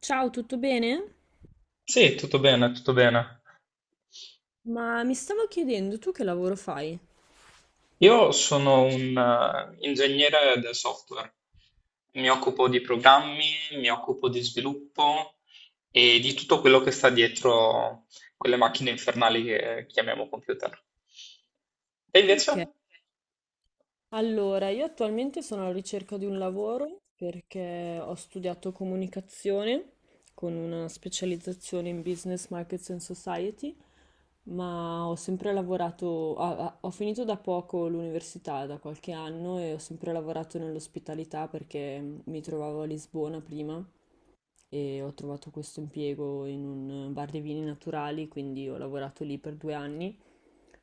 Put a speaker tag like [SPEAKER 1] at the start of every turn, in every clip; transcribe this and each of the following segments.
[SPEAKER 1] Ciao, tutto bene?
[SPEAKER 2] Sì, tutto bene, tutto bene.
[SPEAKER 1] Ma mi stavo chiedendo, tu che lavoro fai?
[SPEAKER 2] Io sono un ingegnere del software, mi occupo di programmi, mi occupo di sviluppo e di tutto quello che sta dietro quelle macchine infernali che chiamiamo computer. E invece,
[SPEAKER 1] Ok, allora io attualmente sono alla ricerca di un lavoro perché ho studiato comunicazione con una specializzazione in business, markets and society, ma ho sempre lavorato, ho finito da poco l'università, da qualche anno, e ho sempre lavorato nell'ospitalità perché mi trovavo a Lisbona prima. E ho trovato questo impiego in un bar dei vini naturali, quindi ho lavorato lì per 2 anni,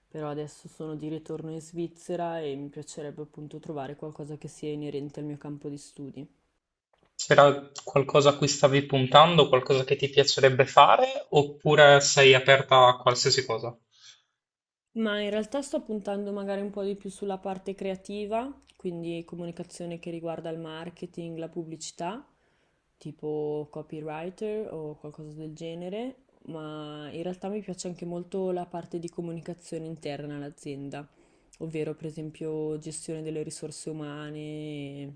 [SPEAKER 1] però adesso sono di ritorno in Svizzera e mi piacerebbe appunto trovare qualcosa che sia inerente al mio campo di studi.
[SPEAKER 2] c'era qualcosa a cui stavi puntando, qualcosa che ti piacerebbe fare, oppure sei aperta a qualsiasi cosa?
[SPEAKER 1] Ma in realtà sto puntando magari un po' di più sulla parte creativa, quindi comunicazione che riguarda il marketing, la pubblicità, tipo copywriter o qualcosa del genere, ma in realtà mi piace anche molto la parte di comunicazione interna all'azienda, ovvero per esempio gestione delle risorse umane,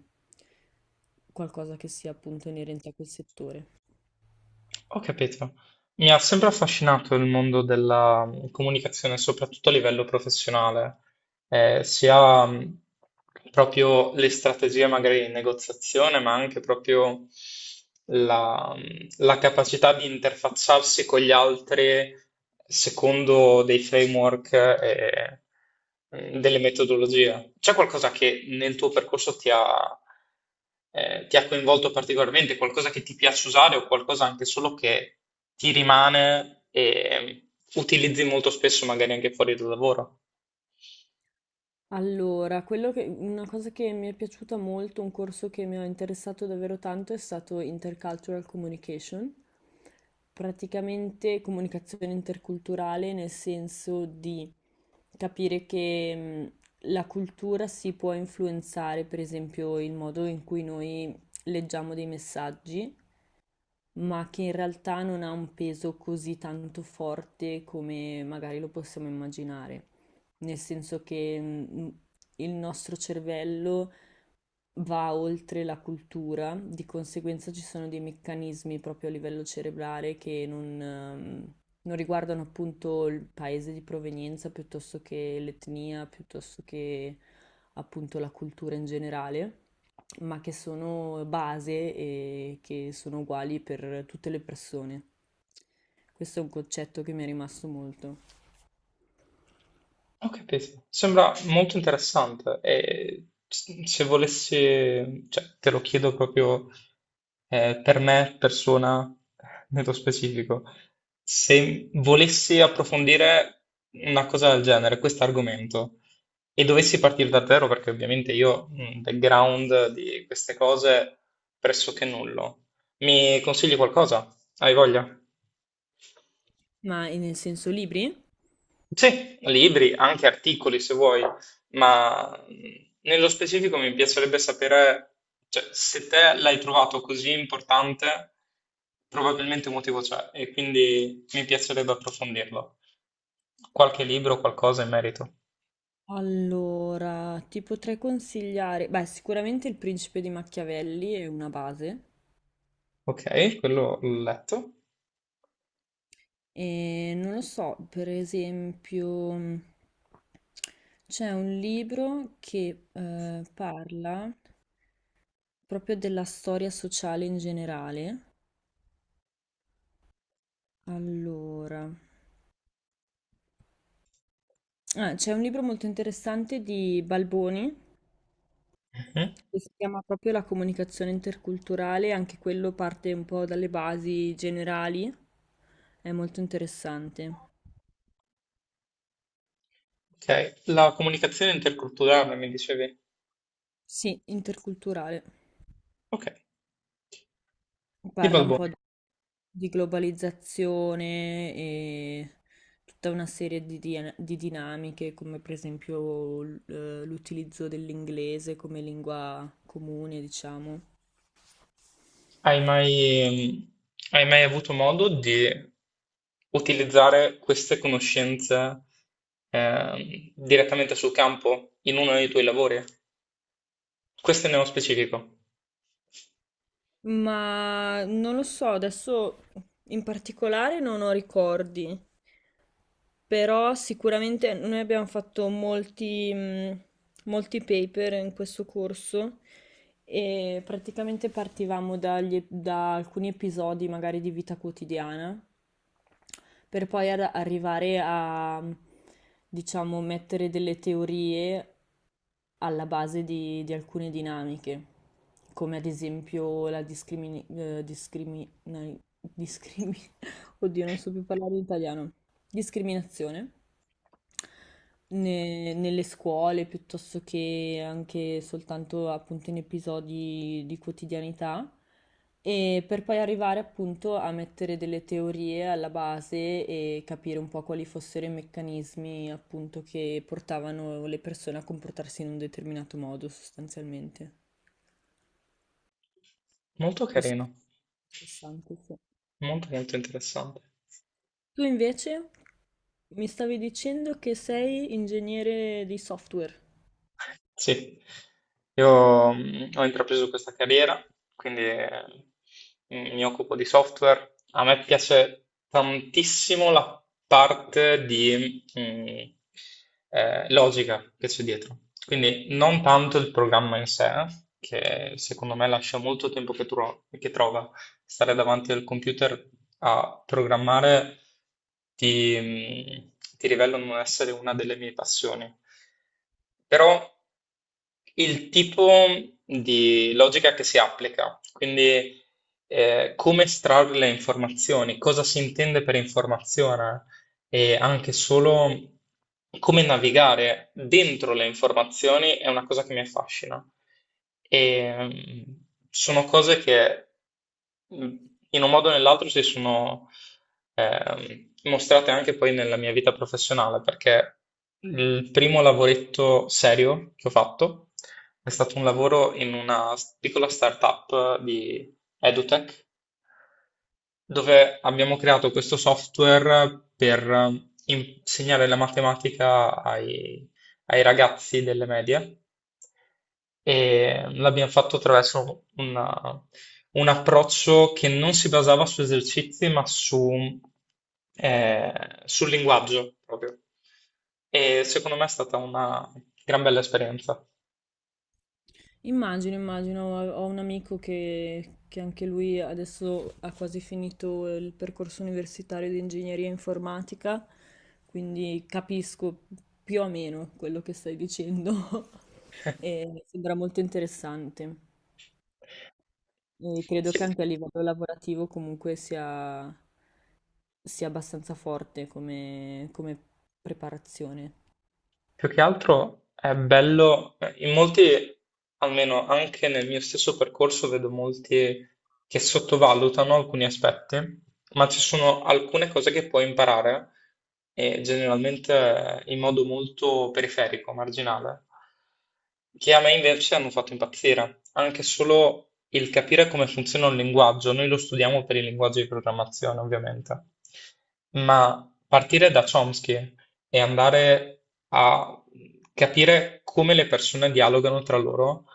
[SPEAKER 1] qualcosa che sia appunto inerente a quel settore.
[SPEAKER 2] Ho capito. Mi ha sempre affascinato il mondo della comunicazione, soprattutto a livello professionale sia proprio le strategie magari in negoziazione, ma anche proprio la capacità di interfacciarsi con gli altri secondo dei framework e delle metodologie. C'è qualcosa che nel tuo percorso ti ha coinvolto particolarmente, qualcosa che ti piace usare o qualcosa anche solo che ti rimane e utilizzi molto spesso magari anche fuori dal lavoro?
[SPEAKER 1] Allora, una cosa che mi è piaciuta molto, un corso che mi ha interessato davvero tanto è stato Intercultural Communication, praticamente comunicazione interculturale nel senso di capire che la cultura si può influenzare, per esempio, il modo in cui noi leggiamo dei messaggi, ma che in realtà non ha un peso così tanto forte come magari lo possiamo immaginare. Nel senso che il nostro cervello va oltre la cultura, di conseguenza ci sono dei meccanismi proprio a livello cerebrale che non, non riguardano appunto il paese di provenienza piuttosto che l'etnia, piuttosto che appunto la cultura in generale, ma che sono base e che sono uguali per tutte le persone. Questo è un concetto che mi è rimasto molto.
[SPEAKER 2] Ho capito, sembra molto interessante e se volessi, cioè te lo chiedo proprio per me, persona, nello specifico, se volessi approfondire una cosa del genere, questo argomento, e dovessi partire da zero, perché ovviamente io un background di queste cose pressoché nullo, mi consigli qualcosa? Hai voglia?
[SPEAKER 1] Ma nel senso libri?
[SPEAKER 2] Sì, libri, anche articoli se vuoi, ma nello specifico mi piacerebbe sapere, cioè, se te l'hai trovato così importante, probabilmente un motivo c'è e quindi mi piacerebbe approfondirlo. Qualche libro, qualcosa in merito.
[SPEAKER 1] Allora, ti potrei consigliare, beh, sicuramente Il Principe di Machiavelli è una base.
[SPEAKER 2] Ok, quello l'ho letto.
[SPEAKER 1] E non lo so, per esempio, c'è un libro che parla proprio della storia sociale in generale. Allora. Ah, c'è un libro molto interessante di Balboni
[SPEAKER 2] Mhm.
[SPEAKER 1] che si chiama proprio La comunicazione interculturale, anche quello parte un po' dalle basi generali, è molto interessante.
[SPEAKER 2] Ok, la comunicazione interculturale mi dicevi.
[SPEAKER 1] Sì, interculturale.
[SPEAKER 2] Ok, di
[SPEAKER 1] Parla un po'
[SPEAKER 2] Balboni.
[SPEAKER 1] di globalizzazione e tutta una serie di, di dinamiche, come per esempio l'utilizzo dell'inglese come lingua comune, diciamo.
[SPEAKER 2] Hai mai, hai mai avuto modo di utilizzare queste conoscenze direttamente sul campo in uno dei tuoi lavori? Questo è nello specifico.
[SPEAKER 1] Ma non lo so, adesso in particolare non ho ricordi, però sicuramente noi abbiamo fatto molti, molti paper in questo corso e praticamente partivamo da alcuni episodi magari di vita quotidiana per poi arrivare a, diciamo, mettere delle teorie alla base di, alcune dinamiche, come ad esempio la discrimi- Oddio, non so più parlare italiano. Discriminazione nelle scuole piuttosto che anche soltanto appunto in episodi di quotidianità, e per poi arrivare appunto a mettere delle teorie alla base e capire un po' quali fossero i meccanismi appunto che portavano le persone a comportarsi in un determinato modo sostanzialmente.
[SPEAKER 2] Molto
[SPEAKER 1] Questo
[SPEAKER 2] carino,
[SPEAKER 1] è interessante, sì.
[SPEAKER 2] molto molto interessante.
[SPEAKER 1] Tu invece, mi stavi dicendo che sei ingegnere di software.
[SPEAKER 2] Sì, io ho intrapreso questa carriera, quindi mi occupo di software. A me piace tantissimo la parte di logica che c'è dietro. Quindi non tanto il programma in sé, che secondo me lascia molto tempo che trova. Stare davanti al computer a programmare ti, ti rivelo non essere una delle mie passioni. Però il tipo di logica che si applica, quindi come estrarre le informazioni, cosa si intende per informazione e anche solo come navigare dentro le informazioni è una cosa che mi affascina. E mm, sono cose che mm, in un modo o nell'altro si sono mostrate anche poi nella mia vita professionale, perché il primo lavoretto serio che ho fatto è stato un lavoro in una piccola startup di EduTech dove abbiamo creato questo software per insegnare la matematica ai ragazzi delle medie e l'abbiamo fatto attraverso un approccio che non si basava su esercizi, ma eh, sul linguaggio proprio. E secondo me è stata una gran bella esperienza.
[SPEAKER 1] Immagino, immagino, ho un amico che anche lui adesso ha quasi finito il percorso universitario di ingegneria informatica, quindi capisco più o meno quello che stai dicendo e sembra molto interessante. E credo che
[SPEAKER 2] Sì.
[SPEAKER 1] anche a livello lavorativo comunque sia abbastanza forte come, come preparazione.
[SPEAKER 2] Più che altro è bello, in molti, almeno anche nel mio stesso percorso, vedo molti che sottovalutano alcuni aspetti, ma ci sono alcune cose che puoi imparare, e generalmente in modo molto periferico, marginale, che a me invece hanno fatto impazzire. Anche solo il capire come funziona un linguaggio, noi lo studiamo per il linguaggio di programmazione, ovviamente, ma partire da Chomsky e andare a capire come le persone dialogano tra loro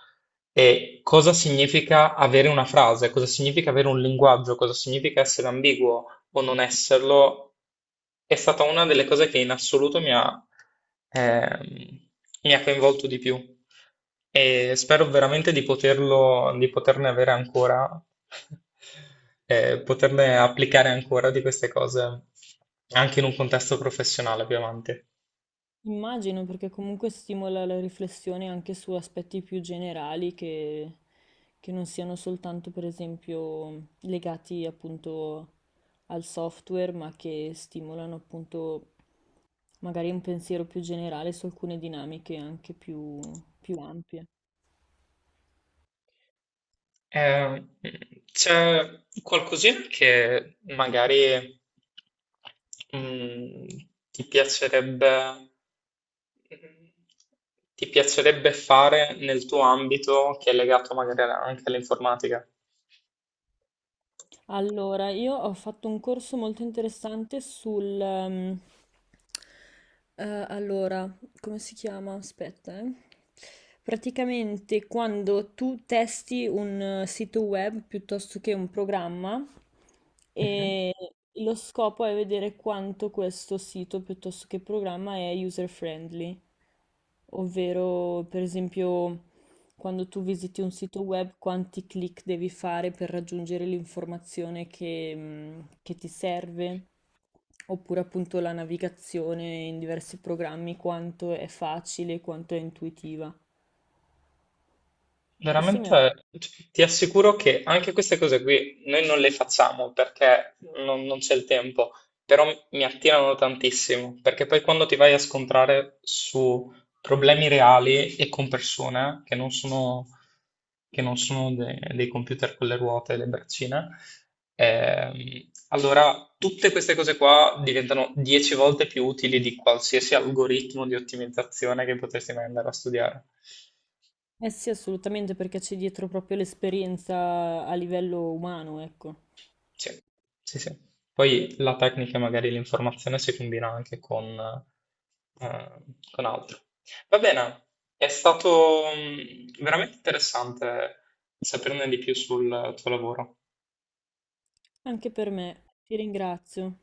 [SPEAKER 2] e cosa significa avere una frase, cosa significa avere un linguaggio, cosa significa essere ambiguo o non esserlo, è stata una delle cose che in assoluto ehm, mi ha coinvolto di più. E spero veramente di poterlo, di poterne avere ancora, poterne applicare ancora di queste cose anche in un contesto professionale più avanti.
[SPEAKER 1] Immagino perché comunque stimola la riflessione anche su aspetti più generali che non siano soltanto, per esempio, legati appunto al software, ma che stimolano appunto magari un pensiero più generale su alcune dinamiche anche più ampie.
[SPEAKER 2] Eh, C'è qualcosina che magari mm, ti piacerebbe, mm, ti piacerebbe fare nel tuo ambito che è legato magari anche all'informatica?
[SPEAKER 1] Allora, io ho fatto un corso molto interessante sul eh, allora, come si chiama? Aspetta, eh. Praticamente quando tu testi un sito web piuttosto che un programma e lo scopo è vedere quanto questo sito piuttosto che programma è user friendly, ovvero per esempio quando tu visiti un sito web, quanti click devi fare per raggiungere l'informazione che, che ti serve? Oppure appunto la navigazione in diversi programmi, quanto è facile, quanto è intuitiva. Questo mi ha.
[SPEAKER 2] Veramente ti assicuro che anche queste cose qui noi non le facciamo perché non c'è il tempo, però mi attirano tantissimo, perché poi quando ti vai a scontrare su problemi reali e con persone che non sono dei computer con le ruote e le braccine, allora tutte queste cose qua diventano 10 volte più utili di qualsiasi algoritmo di ottimizzazione che potresti mai andare a studiare.
[SPEAKER 1] Eh sì, assolutamente, perché c'è dietro proprio l'esperienza a livello umano, ecco.
[SPEAKER 2] Sì, sì, sì. Poi la tecnica e magari l'informazione si combina anche eh, con altro. Va bene, è stato veramente interessante saperne di più sul tuo lavoro.
[SPEAKER 1] Anche per me. Ti ringrazio.